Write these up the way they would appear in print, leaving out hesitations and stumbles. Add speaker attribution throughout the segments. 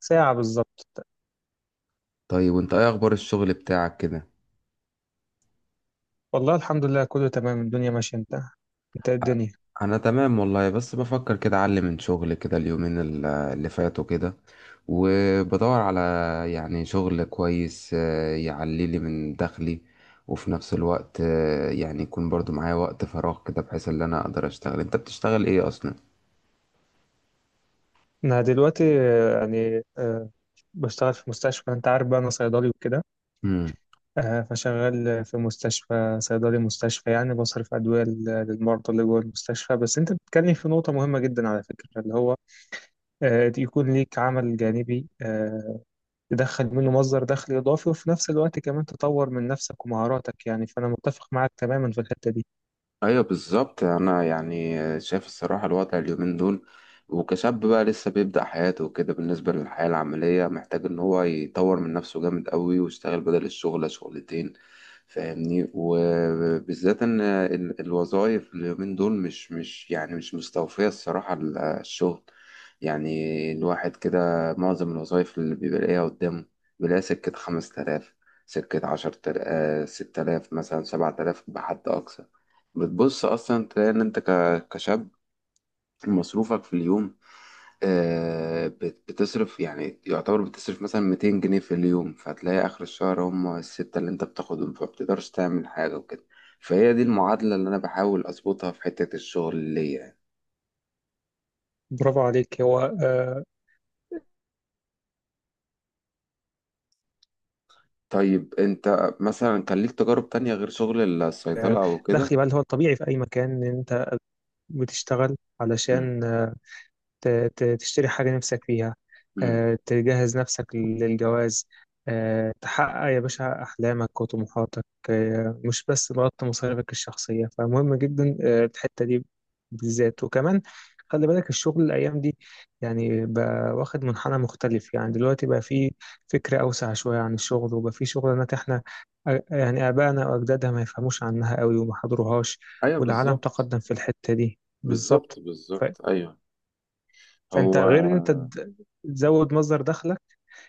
Speaker 1: ساعة بالظبط.
Speaker 2: طيب، وانت ايه اخبار الشغل بتاعك كده؟
Speaker 1: والله الحمد لله كله تمام، الدنيا ماشية. انت، انت إيه الدنيا؟
Speaker 2: انا تمام والله، بس بفكر كده اعلم من شغل كده اليومين اللي فاتوا كده، وبدور على يعني شغل كويس، يعلي لي من دخلي، وفي نفس الوقت يعني يكون برضو معايا وقت فراغ كده بحيث ان انا اقدر اشتغل. انت بتشتغل ايه اصلا؟
Speaker 1: انا دلوقتي بشتغل في مستشفى. انت عارف بقى انا صيدلي وكده. فشغال في مستشفى، صيدلي مستشفى يعني بصرف ادوية للمرضى اللي جوه المستشفى. بس انت بتتكلم في نقطة مهمة جدا على فكرة، اللي هو يكون ليك عمل جانبي، تدخل منه مصدر دخل اضافي، وفي نفس الوقت كمان تطور من نفسك ومهاراتك. يعني فانا متفق معاك تماما في الحتة دي.
Speaker 2: ايوه بالظبط. انا يعني شايف الصراحه الوضع اليومين دول، وكشاب بقى لسه بيبدأ حياته وكده بالنسبه للحياه العمليه، محتاج ان هو يطور من نفسه جامد قوي ويشتغل بدل الشغل شغلتين، فاهمني؟ وبالذات ان الوظائف اليومين دول مش يعني مش مستوفيه الصراحه، الشغل يعني، الواحد كده معظم الوظائف اللي بيبقى لاقيها قدامه بيلاقيها سكه 5000، سكه 10000، 6000 مثلا، 7000 بحد اقصى. بتبص اصلا تلاقي ان انت كشاب، مصروفك في اليوم بتصرف، يعني يعتبر بتصرف مثلا 200 جنيه في اليوم، فتلاقي اخر الشهر هم الستة اللي انت بتاخدهم، فما بتقدرش تعمل حاجة وكده. فهي دي المعادلة اللي انا بحاول اظبطها في حتة الشغل اللي يعني.
Speaker 1: برافو عليك. هو
Speaker 2: طيب، انت مثلا كان ليك تجارب تانية غير شغل الصيدلة او
Speaker 1: دخلي
Speaker 2: كده؟
Speaker 1: بقى اللي هو الطبيعي في أي مكان، إن أنت بتشتغل علشان ت- تشتري حاجة نفسك فيها،
Speaker 2: امم.
Speaker 1: تجهز نفسك للجواز، تحقق يا باشا أحلامك وطموحاتك، مش بس تغطي مصاريفك الشخصية. فمهم جدا الحتة دي بالذات. وكمان خلي بالك الشغل الأيام دي يعني بقى واخد منحنى مختلف. يعني دلوقتي بقى فيه فكرة أوسع شوية عن الشغل، وبقى فيه شغلانات إحنا يعني آبائنا وأجدادنا ما يفهموش عنها قوي وما حضروهاش،
Speaker 2: ايوه
Speaker 1: والعالم
Speaker 2: بالظبط.
Speaker 1: تقدم في الحتة دي
Speaker 2: بالظبط،
Speaker 1: بالظبط.
Speaker 2: بالظبط، ايوه.
Speaker 1: فانت
Speaker 2: هو.
Speaker 1: غير ان انت تزود مصدر دخلك،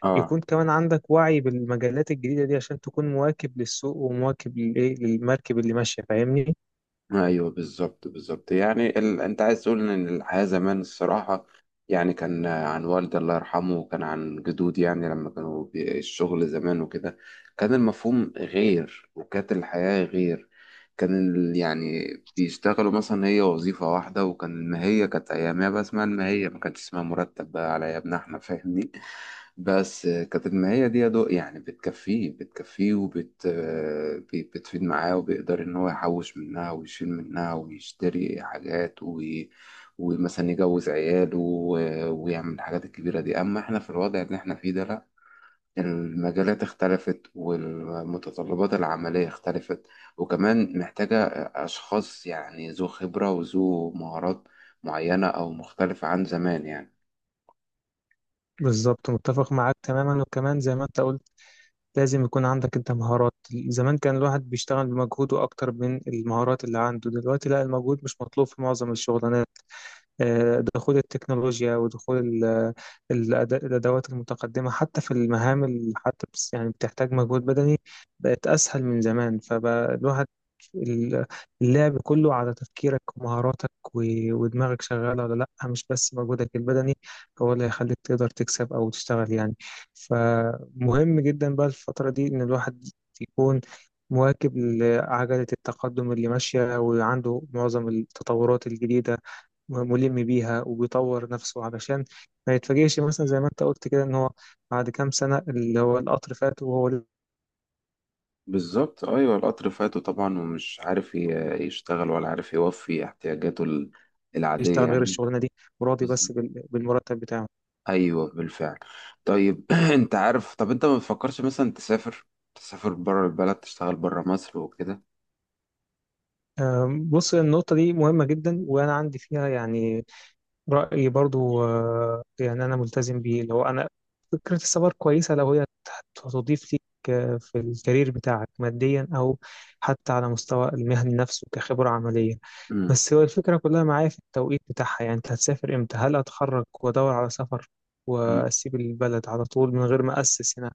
Speaker 2: اه.
Speaker 1: يكون كمان عندك وعي بالمجالات الجديدة دي عشان تكون مواكب للسوق ومواكب للايه، للمركب اللي ماشية، فاهمني؟
Speaker 2: ايوه بالظبط، بالظبط، يعني انت عايز تقول ان الحياه زمان الصراحه، يعني كان عن والدي الله يرحمه، وكان عن جدودي، يعني لما كانوا الشغل زمان وكده، كان المفهوم غير وكانت الحياه غير، كان يعني بيشتغلوا مثلا هي وظيفة واحدة، وكان المهية كانت أيامها بقى اسمها المهية، ما كانتش اسمها مرتب بقى على أيامنا إحنا، فاهمني؟ بس كانت المهية دي يا دوق يعني بتكفيه بتكفيه، وبت آه، بي- بتفيد معاه، وبيقدر إن هو يحوش منها ويشيل منها ويشتري حاجات، ومثلا يجوز عياله ويعمل الحاجات الكبيرة دي. أما إحنا في الوضع اللي إحنا فيه ده، لأ، المجالات اختلفت والمتطلبات العملية اختلفت، وكمان محتاجة أشخاص يعني ذو خبرة وذو مهارات معينة أو مختلفة عن زمان يعني.
Speaker 1: بالظبط متفق معاك تماما. وكمان زي ما انت قلت، لازم يكون عندك انت مهارات. زمان كان الواحد بيشتغل بمجهوده اكتر من المهارات اللي عنده. دلوقتي لا، المجهود مش مطلوب في معظم الشغلانات. دخول التكنولوجيا ودخول ال- الأدوات المتقدمة حتى في المهام اللي حتى يعني بتحتاج مجهود بدني، بقت أسهل من زمان. فبقى الواحد ال- اللعب كله على تفكيرك ومهاراتك ودماغك شغالة ولا لأ. مش بس مجهودك البدني هو اللي هيخليك تقدر تكسب أو تشتغل يعني. فمهم جدا بقى الفترة دي إن الواحد يكون مواكب لعجلة التقدم اللي ماشية، وعنده معظم التطورات الجديدة ملم بيها وبيطور نفسه، علشان ما يتفاجئش مثلا زي ما انت قلت كده ان هو بعد كام سنة اللي هو القطر فات وهو
Speaker 2: بالظبط، أيوة، القطر فاته طبعا ومش عارف يشتغل، ولا عارف يوفي احتياجاته العادية
Speaker 1: يشتغل غير
Speaker 2: يعني.
Speaker 1: الشغلانة دي وراضي بس
Speaker 2: بالظبط،
Speaker 1: بالمرتب بتاعه.
Speaker 2: أيوة، بالفعل. طيب، أنت عارف، طب أنت ما بتفكرش مثلا تسافر بره البلد، تشتغل بره مصر وكده؟
Speaker 1: بص، النقطة دي مهمة جدا وأنا عندي فيها يعني رأيي برضو. يعني أنا ملتزم بيه. لو أنا، فكرة السفر كويسة لو هي هتضيف ليك في الكارير بتاعك ماديا أو حتى على مستوى المهني نفسه كخبرة عملية.
Speaker 2: امم.
Speaker 1: بس هو الفكرة كلها معايا في التوقيت بتاعها، يعني أنت هتسافر إمتى؟ هل أتخرج وأدور على سفر وأسيب البلد على طول من غير ما أسس هنا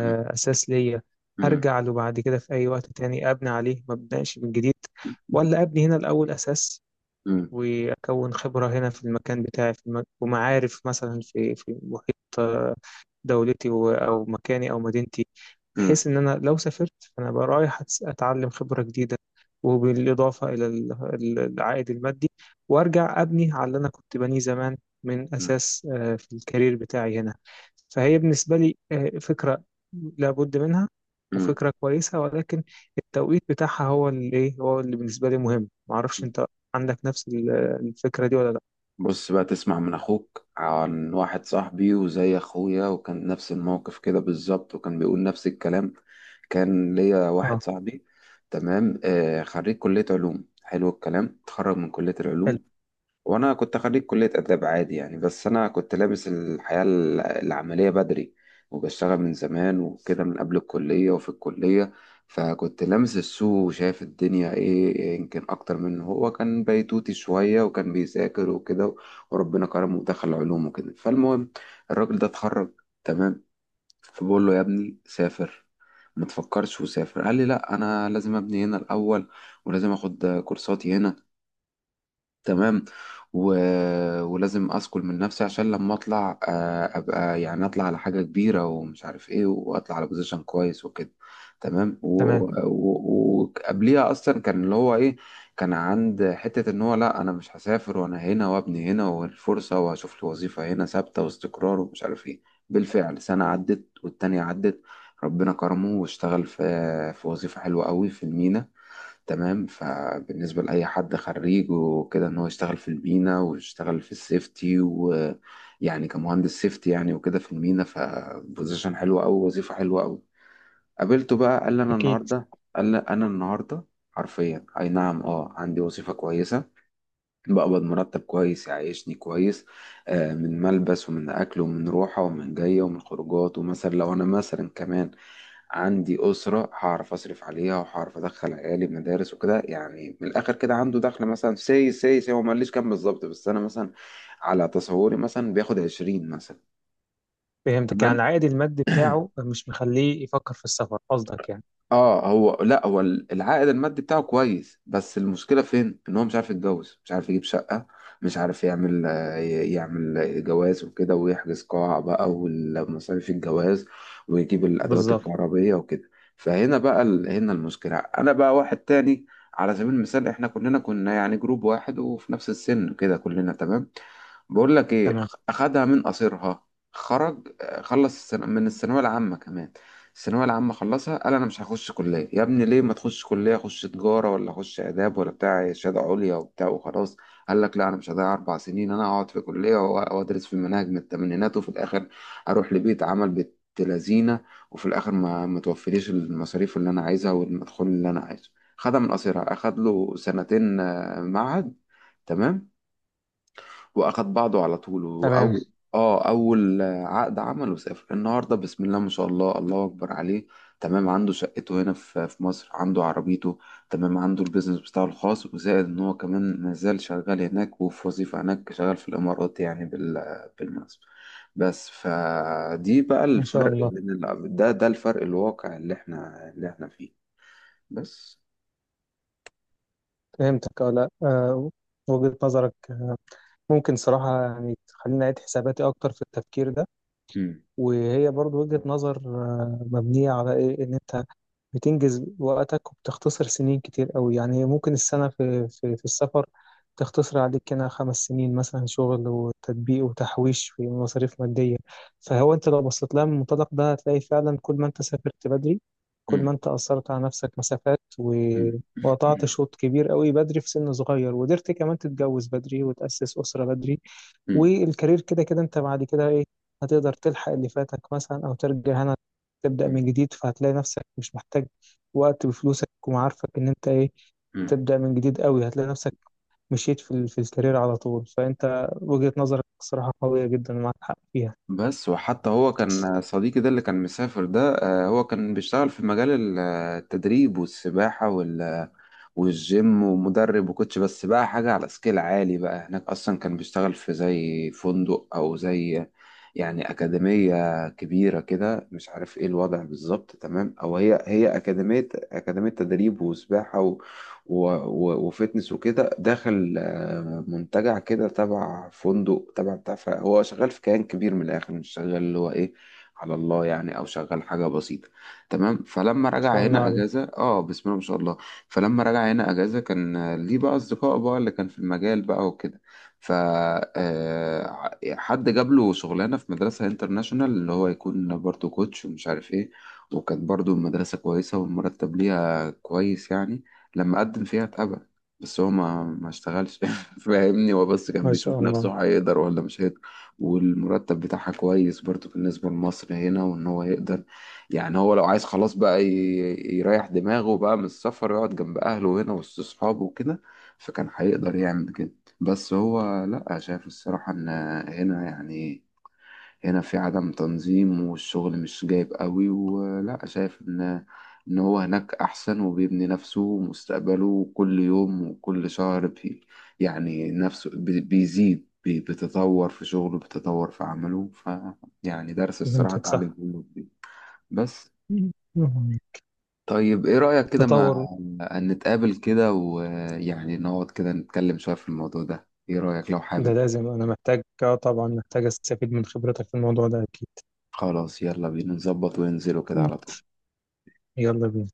Speaker 2: امم.
Speaker 1: أساس ليا أرجع له بعد كده في أي وقت تاني أبني عليه ما أبدأش من جديد؟ ولا أبني هنا الأول أساس،
Speaker 2: امم.
Speaker 1: وأكون خبرة هنا في المكان بتاعي في المك... ومعارف مثلا في في محيط دولتي أو مكاني أو مدينتي،
Speaker 2: مم.
Speaker 1: بحيث إن أنا لو سافرت فأنا بقى رايح أتعلم خبرة جديدة وبالإضافة إلى العائد المادي، وأرجع أبني على اللي أنا كنت بنيه زمان من
Speaker 2: مم.
Speaker 1: أساس في الكارير بتاعي هنا. فهي بالنسبة لي فكرة لابد منها
Speaker 2: مم.
Speaker 1: وفكرة كويسة، ولكن التوقيت بتاعها هو اللي إيه، هو اللي بالنسبة لي مهم. معرفش
Speaker 2: مم.
Speaker 1: أنت عندك نفس الفكرة دي ولا لأ.
Speaker 2: بص بقى تسمع من اخوك عن واحد صاحبي وزي اخويا، وكان نفس الموقف كده بالظبط، وكان بيقول نفس الكلام. كان ليا
Speaker 1: آه،
Speaker 2: واحد صاحبي، تمام، خريج كلية علوم، حلو الكلام، اتخرج من كلية
Speaker 1: حلو،
Speaker 2: العلوم. وانا كنت خريج كلية اداب عادي يعني، بس انا كنت لابس الحياة العملية بدري، وبشتغل من زمان وكده، من قبل الكلية وفي الكلية، فكنت لامس السوق وشايف الدنيا ايه، يمكن اكتر من هو. كان بيتوتي شوية وكان بيذاكر وكده، وربنا كرمه ودخل علوم وكده. فالمهم، الراجل ده اتخرج، تمام، فبقول له يا ابني سافر، ما تفكرش وسافر. قال لي لا، انا لازم ابني هنا الاول، ولازم اخد كورساتي هنا، تمام، و... ولازم اسكل من نفسي عشان لما اطلع ابقى يعني، اطلع على حاجه كبيره ومش عارف ايه، واطلع على بوزيشن كويس وكده، تمام.
Speaker 1: تمام،
Speaker 2: وقبليها وقبليها اصلا، كان اللي هو ايه، كان عند حته ان هو لا، انا مش هسافر، وانا هنا وابني هنا والفرصه، وهشوف لي وظيفه هنا ثابته واستقرار ومش عارف ايه. بالفعل سنه عدت والتانية عدت، ربنا كرمه واشتغل في وظيفه حلوه قوي في المينا. تمام، فبالنسبة لأي حد خريج وكده، إن هو يشتغل في المينا ويشتغل في السيفتي، ويعني كمهندس سيفتي يعني وكده في المينا، فبوزيشن حلوة أوي، وظيفة حلوة أوي. قابلته بقى، قال لي أنا
Speaker 1: أكيد.
Speaker 2: النهاردة قال لي أنا النهاردة حرفيا، أي نعم أه، عندي وظيفة كويسة، بقبض مرتب كويس يعيشني كويس، من ملبس ومن أكل ومن روحة ومن جاية ومن خروجات، ومثلا لو أنا مثلا كمان عندي أسرة، هعرف أصرف عليها، وهعرف أدخل عيالي مدارس وكده، يعني من الآخر كده عنده دخل مثلا سي سي سي هو ما قاليش كام بالظبط، بس أنا مثلا على تصوري مثلا بياخد 20 مثلا.
Speaker 1: فهمتك، يعني
Speaker 2: تمام.
Speaker 1: العائد المادي بتاعه مش مخليه يفكر في السفر قصدك يعني؟
Speaker 2: اه هو لا، هو العائد المادي بتاعه كويس، بس المشكله فين؟ ان هو مش عارف يتجوز، مش عارف يجيب شقه، مش عارف يعمل جواز وكده، ويحجز قاعه بقى والمصاريف الجواز، ويجيب الادوات
Speaker 1: بالظبط،
Speaker 2: الكهربائيه وكده. فهنا بقى هنا المشكله. انا بقى واحد تاني، على سبيل المثال احنا كلنا كنا يعني جروب واحد وفي نفس السن كده كلنا، تمام. بقول لك ايه،
Speaker 1: تمام
Speaker 2: اخدها من قصيرها، خرج خلص السنة من الثانويه العامه، كمان الثانويه العامه خلصها، قال انا مش هخش كليه. يا ابني ليه ما تخش كليه؟ اخش تجاره ولا اخش اداب، ولا بتاع شهاده عليا وبتاع وخلاص. قال لك لا، انا مش هضيع 4 سنين، انا هقعد في كليه وادرس في مناهج من الثمانينات، وفي الاخر اروح لبيت عمل بنت لذينه، وفي الاخر ما توفريش المصاريف اللي انا عايزها والمدخول اللي انا عايزه. خدها من قصيرها، اخد له سنتين معهد، تمام، واخد بعضه على طول،
Speaker 1: تمام.
Speaker 2: او اه اول عقد عمله سافر النهارده، بسم الله ما شاء الله، الله اكبر عليه. تمام، عنده شقته هنا في مصر، عنده عربيته، تمام، عنده البيزنس بتاعه الخاص، وزائد ان هو كمان مازال شغال هناك، وفي وظيفة هناك، شغال في الامارات يعني بالمناسبة. بس فدي بقى
Speaker 1: ما شاء
Speaker 2: الفرق
Speaker 1: الله.
Speaker 2: بين ده الفرق الواقع اللي احنا فيه. بس.
Speaker 1: فهمتك. اه، لا، وجهة نظرك ممكن صراحة يعني تخليني أعيد حساباتي أكتر في التفكير ده.
Speaker 2: مم.
Speaker 1: وهي برضو وجهة نظر مبنية على إيه، إن أنت بتنجز وقتك وبتختصر سنين كتير قوي. يعني ممكن السنة في السفر تختصر عليك هنا خمس سنين مثلا شغل وتطبيق وتحويش في مصاريف مادية. فهو أنت لو بصيت لها من المنطلق ده هتلاقي فعلا كل ما أنت سافرت بدري، كل ما
Speaker 2: مم.
Speaker 1: أنت أثرت على نفسك مسافات
Speaker 2: مم.
Speaker 1: وقطعت
Speaker 2: مم.
Speaker 1: شوط كبير قوي بدري في سن صغير، وقدرت كمان تتجوز بدري وتأسس أسرة بدري. والكارير كده كده أنت بعد كده إيه، هتقدر تلحق اللي فاتك مثلا أو ترجع هنا تبدأ
Speaker 2: مم.
Speaker 1: من جديد. فهتلاقي نفسك مش محتاج وقت بفلوسك ومعارفك إن أنت إيه
Speaker 2: مم.
Speaker 1: تبدأ من جديد. قوي هتلاقي نفسك مشيت في الكارير على طول. فأنت وجهة نظرك صراحة قوية جدا ومعاك حق فيها.
Speaker 2: بس، وحتى هو كان صديقي ده اللي كان مسافر ده، هو كان بيشتغل في مجال التدريب والسباحة والجيم ومدرب وكوتش، بس بقى حاجة على سكيل عالي بقى هناك. أصلا كان بيشتغل في زي فندق، أو زي يعني أكاديمية كبيرة كده، مش عارف إيه الوضع بالظبط، تمام. أو هي أكاديمية تدريب وسباحة و و و وفتنس وكده، داخل منتجع كده تبع فندق تبع بتاع، هو شغال في كيان كبير، من الآخر مش شغال اللي هو إيه، على الله يعني، أو شغال حاجة بسيطة. تمام، فلما
Speaker 1: ما شاء
Speaker 2: رجع
Speaker 1: الله
Speaker 2: هنا
Speaker 1: عليك.
Speaker 2: أجازة آه، بسم الله ما شاء الله. فلما رجع هنا اجازه كان ليه بقى اصدقاء بقى اللي كان في المجال بقى وكده، ف آه، حد جاب له شغلانه في مدرسه انترناشونال، اللي هو يكون برضه كوتش ومش عارف ايه، وكانت برضه المدرسه كويسه والمرتب ليها كويس يعني، لما قدم فيها اتقبل، بس هو ما اشتغلش. فاهمني، هو بس كان
Speaker 1: ما شاء
Speaker 2: بيشوف
Speaker 1: الله.
Speaker 2: نفسه هيقدر ولا مش هيقدر، والمرتب بتاعها كويس برضه بالنسبة لمصر هنا، وإن هو يقدر يعني، هو لو عايز خلاص بقى يريح دماغه بقى من السفر، يقعد جنب أهله هنا وسط أصحابه وكده، فكان هيقدر يعمل كده. بس هو لأ، شايف الصراحة إن هنا يعني، هنا في عدم تنظيم والشغل مش جايب قوي، ولأ شايف إن هو هناك أحسن، وبيبني نفسه ومستقبله كل يوم وكل شهر يعني نفسه بيزيد بيتطور في شغله، بيتطور في عمله، فيعني درس الصراحة
Speaker 1: فهمتك صح.
Speaker 2: اتعلمته منه كتير. بس،
Speaker 1: مم.
Speaker 2: طيب ايه رأيك كده، ما
Speaker 1: التطور
Speaker 2: أن نتقابل كده، ويعني نقعد كده نتكلم شوية في الموضوع ده؟ ايه رأيك لو
Speaker 1: ده
Speaker 2: حابب؟
Speaker 1: لازم. أنا محتاج، آه طبعا محتاج أستفيد من خبرتك في الموضوع ده أكيد.
Speaker 2: خلاص، يلا بينا نظبط وننزله كده
Speaker 1: مم.
Speaker 2: على طول.
Speaker 1: يلا بينا.